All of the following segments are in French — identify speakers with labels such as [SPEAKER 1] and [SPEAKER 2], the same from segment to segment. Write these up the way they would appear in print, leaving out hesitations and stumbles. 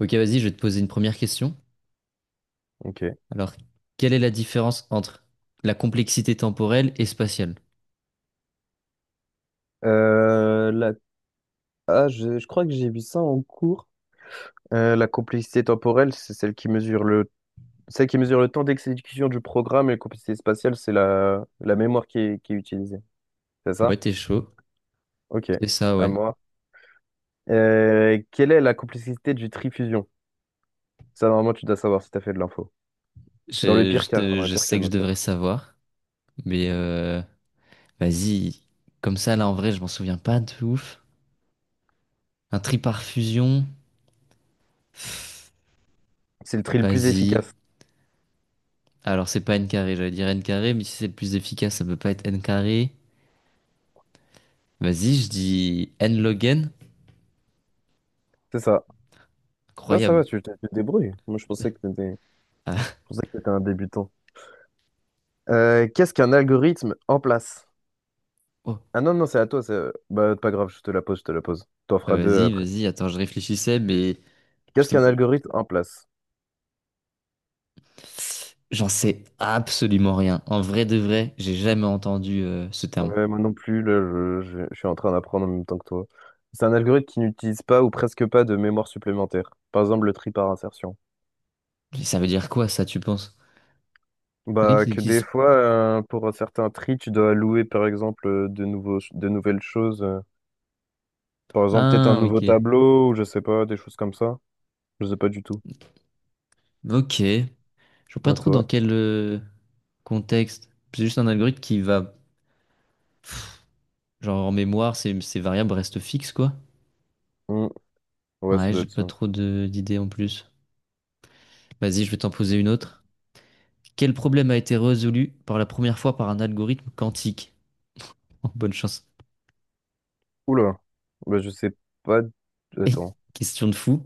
[SPEAKER 1] Ok, vas-y, je vais te poser une première question.
[SPEAKER 2] Ok.
[SPEAKER 1] Alors, quelle est la différence entre la complexité temporelle et spatiale?
[SPEAKER 2] Euh, la... je crois que j'ai vu ça en cours. La complexité temporelle, c'est celle qui mesure le temps d'exécution du programme, et la complexité spatiale, c'est la mémoire qui est utilisée. C'est
[SPEAKER 1] Ouais,
[SPEAKER 2] ça?
[SPEAKER 1] t'es chaud.
[SPEAKER 2] Ok.
[SPEAKER 1] C'est ça,
[SPEAKER 2] À
[SPEAKER 1] ouais.
[SPEAKER 2] moi. Quelle est la complexité du trifusion? Ça, normalement, tu dois savoir si tu as fait de l'info. Dans le
[SPEAKER 1] Je,
[SPEAKER 2] pire
[SPEAKER 1] je
[SPEAKER 2] cas,
[SPEAKER 1] te-
[SPEAKER 2] dans le
[SPEAKER 1] je
[SPEAKER 2] pire cas,
[SPEAKER 1] sais que
[SPEAKER 2] bien
[SPEAKER 1] je devrais
[SPEAKER 2] sûr.
[SPEAKER 1] savoir, mais vas-y. Comme ça, là, en vrai, je m'en souviens pas de ouf. Un tri par fusion. Pff,
[SPEAKER 2] C'est le tri le plus
[SPEAKER 1] vas-y.
[SPEAKER 2] efficace.
[SPEAKER 1] Alors, c'est pas n carré, j'allais dire n carré, mais si c'est le plus efficace, ça peut pas être n carré. Vas-y, je dis n log n.
[SPEAKER 2] C'est ça. Ça
[SPEAKER 1] Incroyable.
[SPEAKER 2] va, tu te débrouilles. Moi, je
[SPEAKER 1] Ah,
[SPEAKER 2] pensais que t'étais un débutant. Qu'est-ce qu'un algorithme en place?
[SPEAKER 1] oh.
[SPEAKER 2] Ah non, non, c'est à toi. Bah, pas grave, je te la pose. T'en
[SPEAKER 1] Ah,
[SPEAKER 2] feras deux
[SPEAKER 1] vas-y,
[SPEAKER 2] après.
[SPEAKER 1] vas-y. Attends, je réfléchissais, mais... Je
[SPEAKER 2] Qu'est-ce qu'un
[SPEAKER 1] t'avoue,
[SPEAKER 2] algorithme en place?
[SPEAKER 1] j'en sais absolument rien. En vrai de vrai, j'ai jamais entendu ce terme.
[SPEAKER 2] Ouais, moi non plus, là, je suis en train d'apprendre en même temps que toi. C'est un algorithme qui n'utilise pas ou presque pas de mémoire supplémentaire. Par exemple, le tri par insertion.
[SPEAKER 1] Ça veut dire quoi ça, tu penses? Il y en a
[SPEAKER 2] Bah,
[SPEAKER 1] qui
[SPEAKER 2] que des
[SPEAKER 1] l'utilisent.
[SPEAKER 2] fois, pour certains tri, tu dois allouer, par exemple, de nouvelles choses. Par exemple, peut-être un
[SPEAKER 1] Ah,
[SPEAKER 2] nouveau
[SPEAKER 1] ok.
[SPEAKER 2] tableau, ou je sais pas, des choses comme ça. Je sais pas du tout.
[SPEAKER 1] Ok. Je vois pas
[SPEAKER 2] À
[SPEAKER 1] trop dans
[SPEAKER 2] toi.
[SPEAKER 1] quel contexte. C'est juste un algorithme qui va, genre en mémoire, ces variables restent fixes, quoi.
[SPEAKER 2] Hmm. Ouais, ça
[SPEAKER 1] Ouais,
[SPEAKER 2] doit
[SPEAKER 1] j'ai
[SPEAKER 2] être
[SPEAKER 1] pas
[SPEAKER 2] ça.
[SPEAKER 1] trop d'idées en plus. Vas-y, je vais t'en poser une autre. Quel problème a été résolu pour la première fois par un algorithme quantique? Oh, bonne chance.
[SPEAKER 2] Oula, bah, je sais pas. Attends,
[SPEAKER 1] Question de fou.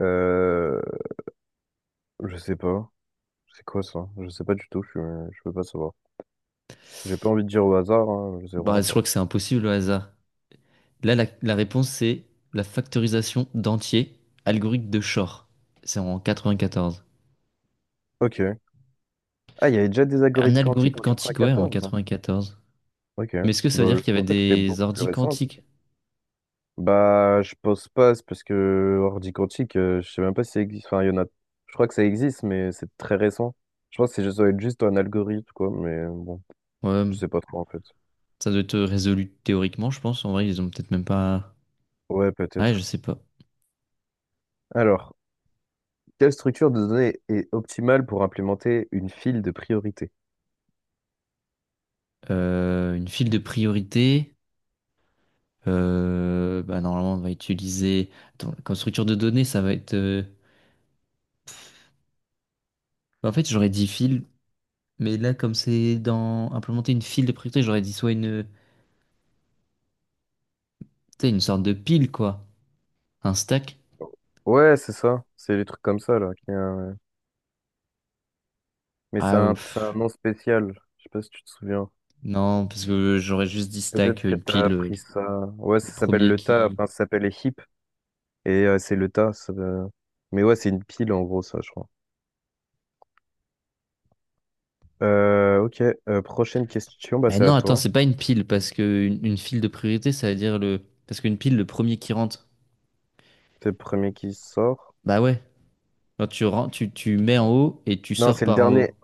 [SPEAKER 2] euh, je sais pas. C'est quoi ça? Je sais pas du tout. Je peux pas savoir. J'ai pas envie de dire au hasard, hein. Je sais
[SPEAKER 1] Bah,
[SPEAKER 2] vraiment
[SPEAKER 1] je
[SPEAKER 2] pas.
[SPEAKER 1] crois que c'est impossible au hasard. Là, la réponse, c'est la factorisation d'entiers, algorithme de Shor. C'est en 94.
[SPEAKER 2] Ok. Ah, il y avait déjà des
[SPEAKER 1] Un
[SPEAKER 2] algorithmes quantiques
[SPEAKER 1] algorithme
[SPEAKER 2] en
[SPEAKER 1] quantique, ouais, en
[SPEAKER 2] 94, hein.
[SPEAKER 1] quatre-vingt-quatorze.
[SPEAKER 2] Ok.
[SPEAKER 1] Mais est-ce que ça veut
[SPEAKER 2] Bah,
[SPEAKER 1] dire qu'il y
[SPEAKER 2] je
[SPEAKER 1] avait
[SPEAKER 2] pensais que c'était
[SPEAKER 1] des
[SPEAKER 2] beaucoup plus
[SPEAKER 1] ordi
[SPEAKER 2] récent.
[SPEAKER 1] quantiques?
[SPEAKER 2] Bah, je pense pas. C'est parce que ordi quantique, je sais même pas si ça existe. Enfin, il y en a. Je crois que ça existe, mais c'est très récent. Je pense que c'est juste ça doit être juste un algorithme, quoi. Mais bon, je
[SPEAKER 1] Ouais,
[SPEAKER 2] sais pas trop en fait.
[SPEAKER 1] ça doit être résolu théoriquement, je pense. En vrai, ils ont peut-être même pas...
[SPEAKER 2] Ouais,
[SPEAKER 1] Ah ouais, je
[SPEAKER 2] peut-être.
[SPEAKER 1] sais pas.
[SPEAKER 2] Alors. Quelle structure de données est optimale pour implémenter une file de priorité?
[SPEAKER 1] Une file de priorité. Bah, normalement, on va utiliser... Attends, comme structure de données, ça va être... bah, en fait, j'aurais dit file, mais là, comme c'est dans implémenter une file de priorité, j'aurais dit soit une... tu sais, une sorte de pile, quoi. Un stack?
[SPEAKER 2] Ouais, c'est ça. C'est des trucs comme ça, là, mais c'est
[SPEAKER 1] Ah,
[SPEAKER 2] un, c'est un
[SPEAKER 1] pff,
[SPEAKER 2] nom spécial. Je sais pas si tu te souviens.
[SPEAKER 1] non, parce que j'aurais juste dit
[SPEAKER 2] Peut-être
[SPEAKER 1] stack,
[SPEAKER 2] que
[SPEAKER 1] une
[SPEAKER 2] t'as
[SPEAKER 1] pile,
[SPEAKER 2] appris ça. Ouais,
[SPEAKER 1] le
[SPEAKER 2] ça s'appelle
[SPEAKER 1] premier
[SPEAKER 2] le tas.
[SPEAKER 1] qui.
[SPEAKER 2] Enfin, ça s'appelle les heaps. Et c'est le tas. Mais ouais, c'est une pile, en gros, ça, je crois. Ok. Prochaine question. Bah,
[SPEAKER 1] Mais
[SPEAKER 2] c'est à
[SPEAKER 1] non, attends,
[SPEAKER 2] toi.
[SPEAKER 1] c'est pas une pile, parce que une file de priorité, ça veut dire le. Parce qu'une pile, le premier qui rentre.
[SPEAKER 2] C'est le premier qui sort.
[SPEAKER 1] Bah ouais. Quand tu, tu, tu mets en haut et tu
[SPEAKER 2] Non,
[SPEAKER 1] sors
[SPEAKER 2] c'est le
[SPEAKER 1] par en haut.
[SPEAKER 2] dernier.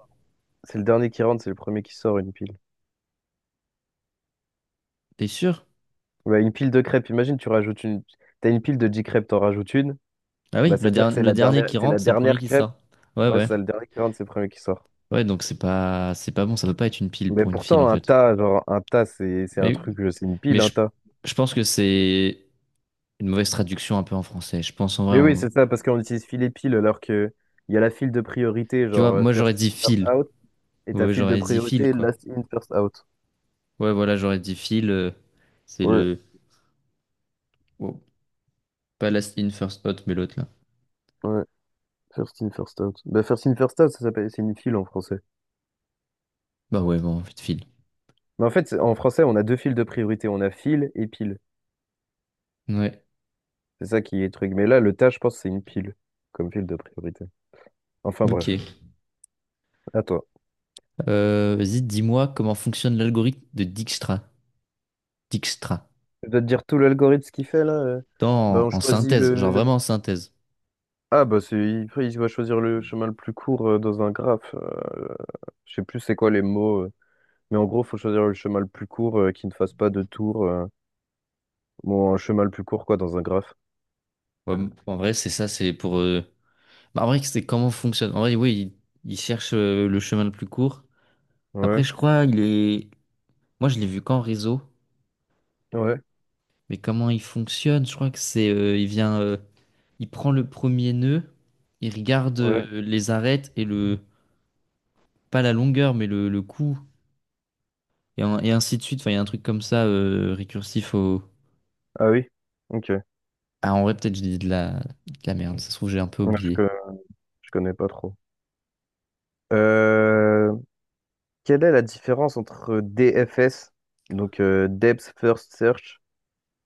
[SPEAKER 2] C'est le dernier qui rentre. C'est le premier qui sort, une pile.
[SPEAKER 1] T'es sûr?
[SPEAKER 2] Ouais, une pile de crêpes. Imagine, tu rajoutes une. T'as une pile de 10 crêpes, t'en rajoutes une.
[SPEAKER 1] Ah
[SPEAKER 2] Bah,
[SPEAKER 1] oui, le,
[SPEAKER 2] c'est-à-dire que c'est
[SPEAKER 1] le
[SPEAKER 2] la
[SPEAKER 1] dernier
[SPEAKER 2] dernière,
[SPEAKER 1] qui
[SPEAKER 2] c'est la
[SPEAKER 1] rentre, c'est le premier
[SPEAKER 2] dernière
[SPEAKER 1] qui
[SPEAKER 2] crêpe.
[SPEAKER 1] sort. Ouais,
[SPEAKER 2] Ouais, c'est
[SPEAKER 1] ouais.
[SPEAKER 2] ça, le dernier qui rentre, c'est le premier qui sort.
[SPEAKER 1] Ouais, donc c'est pas bon, ça peut pas être une pile
[SPEAKER 2] Mais
[SPEAKER 1] pour une file, en
[SPEAKER 2] pourtant, un
[SPEAKER 1] fait.
[SPEAKER 2] tas, genre, un tas, c'est un
[SPEAKER 1] Mais,
[SPEAKER 2] truc, c'est une
[SPEAKER 1] mais
[SPEAKER 2] pile, un tas.
[SPEAKER 1] je pense que c'est une mauvaise traduction un peu en français. Je pense en vrai,
[SPEAKER 2] Mais oui,
[SPEAKER 1] on-
[SPEAKER 2] c'est ça, parce qu'on utilise filet pile, alors que il y a la file de priorité,
[SPEAKER 1] tu vois,
[SPEAKER 2] genre,
[SPEAKER 1] moi j'aurais
[SPEAKER 2] first in,
[SPEAKER 1] dit
[SPEAKER 2] first
[SPEAKER 1] file.
[SPEAKER 2] out, et ta
[SPEAKER 1] Ouais,
[SPEAKER 2] file de
[SPEAKER 1] j'aurais dit Phil,
[SPEAKER 2] priorité,
[SPEAKER 1] quoi.
[SPEAKER 2] last in, first out.
[SPEAKER 1] Ouais, voilà, j'aurais dit Phil. C'est
[SPEAKER 2] Ouais,
[SPEAKER 1] le. Oh, pas Last In First Out, mais l'autre là.
[SPEAKER 2] ouais, first in, first out. Bah, first in, first out, ça s'appelle, c'est une file en français.
[SPEAKER 1] Bah ouais, bon, en fait, Phil.
[SPEAKER 2] Mais en fait, en français, on a deux files de priorité, on a file et pile.
[SPEAKER 1] Ouais,
[SPEAKER 2] C'est ça qui est truc. Mais là, le tas, je pense, c'est une pile, comme file de priorité. Enfin, bref.
[SPEAKER 1] ok.
[SPEAKER 2] À toi.
[SPEAKER 1] Vas-y, dis-moi comment fonctionne l'algorithme de Dijkstra. Dijkstra.
[SPEAKER 2] Je dois te dire tout l'algorithme ce qu'il fait là. Bah,
[SPEAKER 1] Dans,
[SPEAKER 2] on
[SPEAKER 1] en
[SPEAKER 2] choisit
[SPEAKER 1] synthèse, genre
[SPEAKER 2] le.
[SPEAKER 1] vraiment en synthèse.
[SPEAKER 2] Ah, après, il va choisir le chemin le plus court dans un graphe. Je sais plus c'est quoi les mots. Mais en gros, faut choisir le chemin le plus court qui ne fasse pas de tour. Bon, un chemin le plus court, quoi, dans un graphe.
[SPEAKER 1] Ouais, en vrai, c'est ça, c'est pour. Bah, en vrai, c'est comment fonctionne. En vrai, oui, il cherche le chemin le plus court. Après,
[SPEAKER 2] Ouais,
[SPEAKER 1] je crois, il est. Moi, je l'ai vu qu'en réseau.
[SPEAKER 2] ouais,
[SPEAKER 1] Mais comment il fonctionne? Je crois que c'est, il vient, il prend le premier nœud, il regarde
[SPEAKER 2] ouais.
[SPEAKER 1] les arêtes et le, pas la longueur, mais le coup, et, et ainsi de suite. Enfin, il y a un truc comme ça récursif au.
[SPEAKER 2] Ah oui? Ok.
[SPEAKER 1] Ah, en vrai, peut-être je dis de la merde. Ça se trouve, j'ai un peu
[SPEAKER 2] Ouais. Je,
[SPEAKER 1] oublié.
[SPEAKER 2] co- je connais pas trop. Euh, Quelle est la différence entre DFS, donc Depth First Search,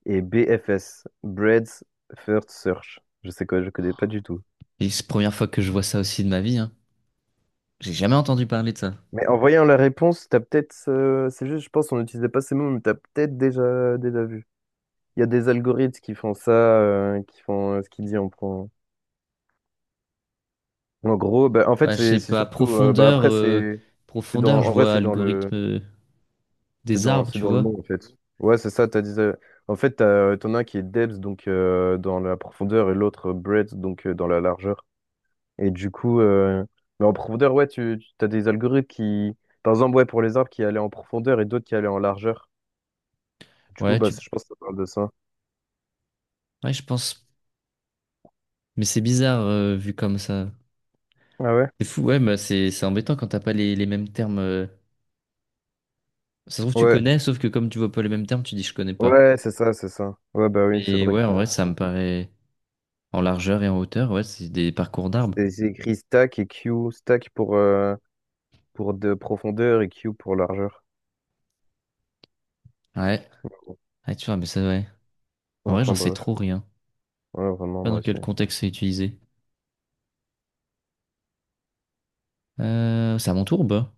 [SPEAKER 2] et B F S Bread's First Search. Je sais quoi, je connais pas du tout.
[SPEAKER 1] Et c'est la première fois que je vois ça aussi de ma vie, hein. J'ai jamais entendu parler de ça.
[SPEAKER 2] Mais en voyant la réponse, t'as peut-être, c'est juste, je pense, on n'utilisait pas ces mots, mais t'as peut-être déjà vu. Il y a des algorithmes qui font ça, qui font ce qu'il dit en, prend. En gros.
[SPEAKER 1] Bah, je
[SPEAKER 2] C'est
[SPEAKER 1] sais
[SPEAKER 2] c'est
[SPEAKER 1] pas,
[SPEAKER 2] surtout, bah, après, c'est dans,
[SPEAKER 1] profondeur, je
[SPEAKER 2] en vrai,
[SPEAKER 1] vois algorithme des arbres,
[SPEAKER 2] c'est
[SPEAKER 1] tu
[SPEAKER 2] dans le
[SPEAKER 1] vois.
[SPEAKER 2] nom, en fait. Ouais, c'est ça, t'as dit, en fait, t'en as un qui est depth, donc dans la profondeur, et l'autre breadth, donc dans la largeur. Et du coup, euh, mais en profondeur, ouais, tu as des algorithmes qui, par exemple, ouais, pour les arbres qui allaient en profondeur et d'autres qui allaient en largeur. Du coup,
[SPEAKER 1] Ouais,
[SPEAKER 2] bah,
[SPEAKER 1] tu,
[SPEAKER 2] je pense que ça parle de ça.
[SPEAKER 1] ouais, je pense. Mais c'est bizarre vu comme ça.
[SPEAKER 2] Ah ouais?
[SPEAKER 1] C'est fou, ouais, mais c'est embêtant quand t'as pas les, les mêmes termes. Ça se trouve, tu
[SPEAKER 2] Ouais,
[SPEAKER 1] connais, sauf que comme tu vois pas les mêmes termes, tu dis je connais pas.
[SPEAKER 2] ouais, c'est ça, c'est ça. Ouais, bah oui, c'est
[SPEAKER 1] Mais
[SPEAKER 2] vrai que
[SPEAKER 1] ouais, en vrai, ça me paraît en largeur et en hauteur, ouais, c'est des parcours d'arbres.
[SPEAKER 2] c'est écrit stack et Q, stack pour de profondeur, et Q pour largeur.
[SPEAKER 1] Ouais, ouais, tu vois, mais ça, ouais. En vrai,
[SPEAKER 2] Enfin
[SPEAKER 1] j'en sais
[SPEAKER 2] bref,
[SPEAKER 1] trop rien. Je
[SPEAKER 2] ouais,
[SPEAKER 1] sais
[SPEAKER 2] vraiment,
[SPEAKER 1] pas
[SPEAKER 2] moi
[SPEAKER 1] dans
[SPEAKER 2] aussi.
[SPEAKER 1] quel contexte c'est utilisé. C'est à mon tour, bah.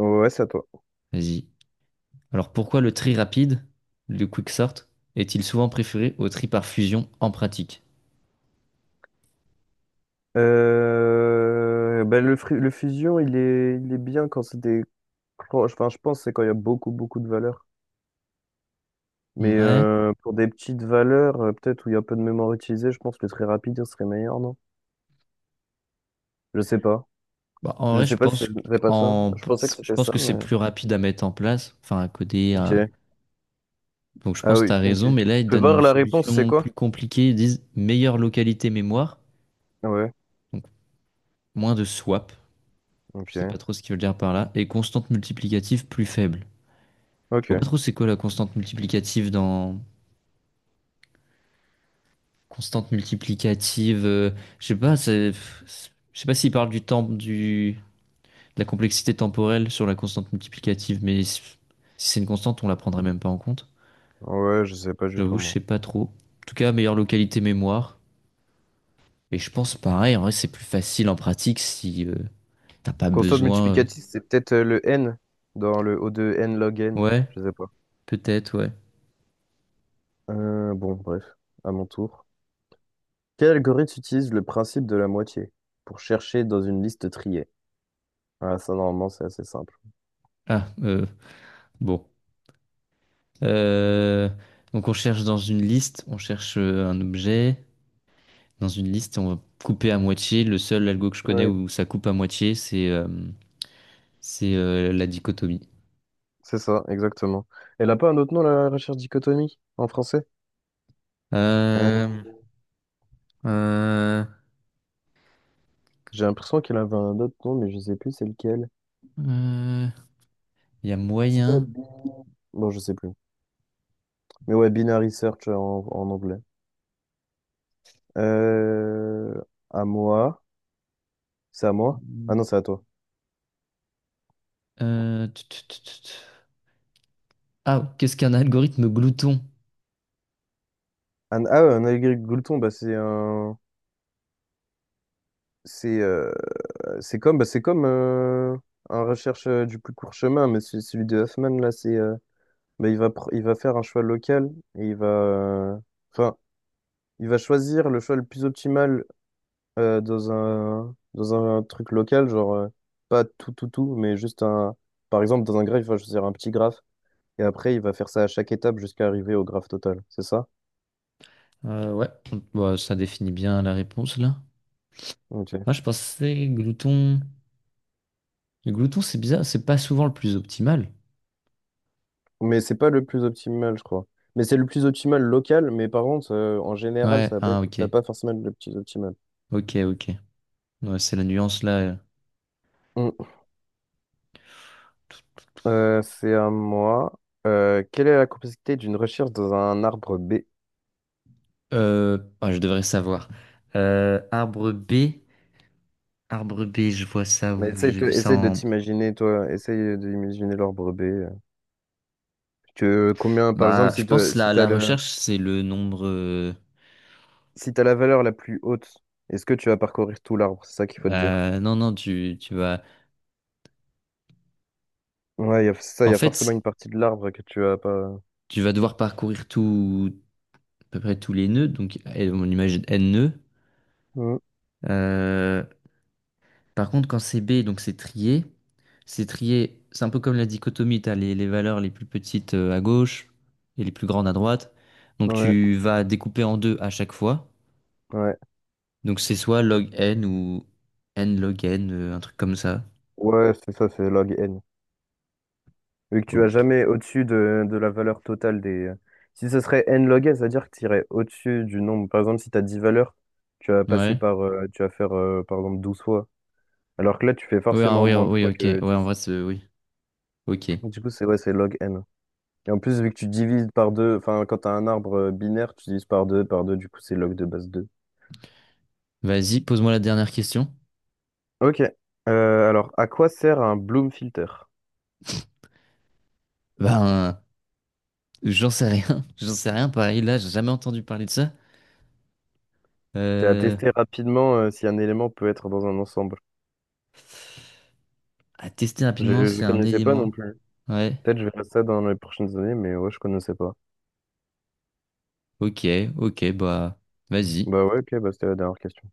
[SPEAKER 2] Ouais, c'est à toi.
[SPEAKER 1] Vas-y. Alors pourquoi le tri rapide, le quick sort, est-il souvent préféré au tri par fusion en pratique?
[SPEAKER 2] Bah, le fusion, il est bien quand c'est des. Enfin, je pense que c'est quand il y a beaucoup de valeur. Mais
[SPEAKER 1] Ouais.
[SPEAKER 2] pour des petites valeurs, peut-être où il y a peu de mémoire utilisée, je pense que le très rapide ce serait meilleur, non? Je sais pas.
[SPEAKER 1] Bah, en
[SPEAKER 2] Je
[SPEAKER 1] vrai,
[SPEAKER 2] sais
[SPEAKER 1] je
[SPEAKER 2] pas si
[SPEAKER 1] pense
[SPEAKER 2] c'est pas ça.
[SPEAKER 1] qu'en-
[SPEAKER 2] Je pensais que
[SPEAKER 1] je
[SPEAKER 2] c'était
[SPEAKER 1] pense
[SPEAKER 2] ça,
[SPEAKER 1] que c'est
[SPEAKER 2] mais.
[SPEAKER 1] plus rapide à mettre en place, enfin à coder, à
[SPEAKER 2] Ok.
[SPEAKER 1] donc je
[SPEAKER 2] Ah
[SPEAKER 1] pense que tu
[SPEAKER 2] oui,
[SPEAKER 1] as
[SPEAKER 2] ok.
[SPEAKER 1] raison,
[SPEAKER 2] Tu
[SPEAKER 1] mais là, ils
[SPEAKER 2] peux
[SPEAKER 1] donnent
[SPEAKER 2] voir
[SPEAKER 1] une
[SPEAKER 2] la réponse, c'est
[SPEAKER 1] solution
[SPEAKER 2] quoi?
[SPEAKER 1] plus compliquée. Ils disent meilleure localité mémoire,
[SPEAKER 2] Ouais,
[SPEAKER 1] donc moins de swap, je sais pas
[SPEAKER 2] ok.
[SPEAKER 1] trop ce qu'ils veulent dire par là, et constante multiplicative plus faible. Je
[SPEAKER 2] Ok.
[SPEAKER 1] vois pas trop c'est quoi la constante multiplicative dans... Constante multiplicative, je sais pas, c'est... Je sais pas s'ils parlent du temps, du... de la complexité temporelle sur la constante multiplicative, mais si c'est une constante, on la prendrait même pas en compte.
[SPEAKER 2] Ouais, je sais pas du tout,
[SPEAKER 1] J'avoue, je
[SPEAKER 2] moi.
[SPEAKER 1] sais pas trop. En tout cas, meilleure localité mémoire. Et je pense pareil, en vrai, c'est plus facile en pratique si t'as pas
[SPEAKER 2] Constante
[SPEAKER 1] besoin.
[SPEAKER 2] multiplicative, c'est peut-être le n dans le O de n log n.
[SPEAKER 1] Ouais,
[SPEAKER 2] Je sais pas.
[SPEAKER 1] peut-être, ouais.
[SPEAKER 2] Bon, bref, à mon tour. Quel algorithme utilise le principe de la moitié pour chercher dans une liste triée? Ah ça, normalement, c'est assez simple.
[SPEAKER 1] Ah, bon. Euh, donc on cherche dans une liste, on cherche un objet. Dans une liste, on va couper à moitié. Le seul algo que je connais
[SPEAKER 2] Oui,
[SPEAKER 1] où ça coupe à moitié, c'est la dichotomie.
[SPEAKER 2] c'est ça, exactement. Elle a pas un autre nom, la recherche dichotomie, en français? Euh,
[SPEAKER 1] Euh, euh,
[SPEAKER 2] j'ai l'impression qu'elle avait un autre nom, mais je sais plus c'est lequel.
[SPEAKER 1] euh, Il y a
[SPEAKER 2] C'est pas...
[SPEAKER 1] moyen.
[SPEAKER 2] Bon, je sais plus. Mais ouais, binary search en, en anglais. Euh, à moi. C'est à moi? Ah non, c'est à toi.
[SPEAKER 1] Tut, tut, tut, tut. Ah, qu'est-ce qu'un algorithme glouton?
[SPEAKER 2] Ah ouais, un allegri Goulton, bah, c'est un. C'est euh, c'est comme, bah, c'est comme un recherche du plus court chemin, mais celui de Hoffman, là, c'est. Bah, il va faire un choix local et il va. Enfin, il va choisir le choix le plus optimal dans dans un truc local, genre pas tout, tout, tout, mais juste un. Par exemple, dans un graphe, il va choisir un petit graphe et après, il va faire ça à chaque étape jusqu'à arriver au graphe total, c'est ça?
[SPEAKER 1] Ouais, bah, ça définit bien la réponse là.
[SPEAKER 2] Ok.
[SPEAKER 1] Ah, je pensais glouton. Le glouton, c'est bizarre, c'est pas souvent le plus optimal.
[SPEAKER 2] Mais c'est pas le plus optimal, je crois. Mais c'est le plus optimal local, mais par contre, en général,
[SPEAKER 1] Ouais, ah ok,
[SPEAKER 2] ça va pas forcément être le plus optimal.
[SPEAKER 1] ok, ok. Ouais, c'est la nuance là.
[SPEAKER 2] Mm. C'est à moi. Quelle est la complexité d'une recherche dans un arbre B?
[SPEAKER 1] Ah, je devrais savoir. Euh, arbre B, arbre B, je vois ça
[SPEAKER 2] Mais
[SPEAKER 1] où j'ai vu ça
[SPEAKER 2] essaye de
[SPEAKER 1] en.
[SPEAKER 2] t'imaginer, toi, essaye d'imaginer l'arbre B. Que, combien, par exemple,
[SPEAKER 1] Bah, je pense
[SPEAKER 2] si
[SPEAKER 1] la la recherche c'est le nombre.
[SPEAKER 2] si t'as la valeur la plus haute, est-ce que tu vas parcourir tout l'arbre? C'est ça qu'il faut te dire.
[SPEAKER 1] Bah non non, tu tu vas.
[SPEAKER 2] Ouais, il
[SPEAKER 1] En
[SPEAKER 2] y a forcément
[SPEAKER 1] fait,
[SPEAKER 2] une partie de l'arbre que tu vas pas.
[SPEAKER 1] tu vas devoir parcourir tout à peu près tous les nœuds, donc eh, on imagine n nœuds.
[SPEAKER 2] Mm.
[SPEAKER 1] Euh, Par contre, quand c'est B, donc c'est trié, c'est trié, c'est un peu comme la dichotomie, t'as les valeurs les plus petites à gauche et les plus grandes à droite. Donc
[SPEAKER 2] Ouais,
[SPEAKER 1] tu vas découper en deux à chaque fois.
[SPEAKER 2] ouais.
[SPEAKER 1] Donc c'est soit log n ou n log n, un truc comme ça.
[SPEAKER 2] Ouais, c'est ça, c'est log n. Vu que tu
[SPEAKER 1] Cool.
[SPEAKER 2] vas jamais au-dessus de la valeur totale des... si ce serait n log n, c'est-à-dire que tu irais au-dessus du nombre. Par exemple, si tu as 10 valeurs, tu vas passer
[SPEAKER 1] Ouais.
[SPEAKER 2] par... tu vas faire, par exemple, 12 fois. Alors que là, tu fais
[SPEAKER 1] Oui, ah
[SPEAKER 2] forcément
[SPEAKER 1] oui, ah
[SPEAKER 2] moins de
[SPEAKER 1] oui,
[SPEAKER 2] fois
[SPEAKER 1] ok.
[SPEAKER 2] que
[SPEAKER 1] Ouais, en
[SPEAKER 2] dix.
[SPEAKER 1] vrai, c'est... Oui, ok.
[SPEAKER 2] Du coup, c'est ouais, c'est log n. Et en plus, vu que tu divises par deux, enfin, quand tu as un arbre binaire, tu divises par deux, du coup, c'est log de base deux.
[SPEAKER 1] Vas-y, pose-moi la dernière question.
[SPEAKER 2] Ok. Alors, à quoi sert un Bloom filter?
[SPEAKER 1] Ben, j'en sais rien. J'en sais rien, pareil, là, j'ai jamais entendu parler de ça.
[SPEAKER 2] C'est à
[SPEAKER 1] Euh,
[SPEAKER 2] tester rapidement si un élément peut être dans un ensemble.
[SPEAKER 1] à tester
[SPEAKER 2] Je
[SPEAKER 1] rapidement,
[SPEAKER 2] ne
[SPEAKER 1] c'est un
[SPEAKER 2] connaissais pas non
[SPEAKER 1] élément.
[SPEAKER 2] plus.
[SPEAKER 1] Ouais.
[SPEAKER 2] Peut-être je verrai ça dans les prochaines années, mais ouais, je connaissais pas.
[SPEAKER 1] Ok, ok, bah vas-y.
[SPEAKER 2] Bah ouais, ok, bah c'était la dernière question.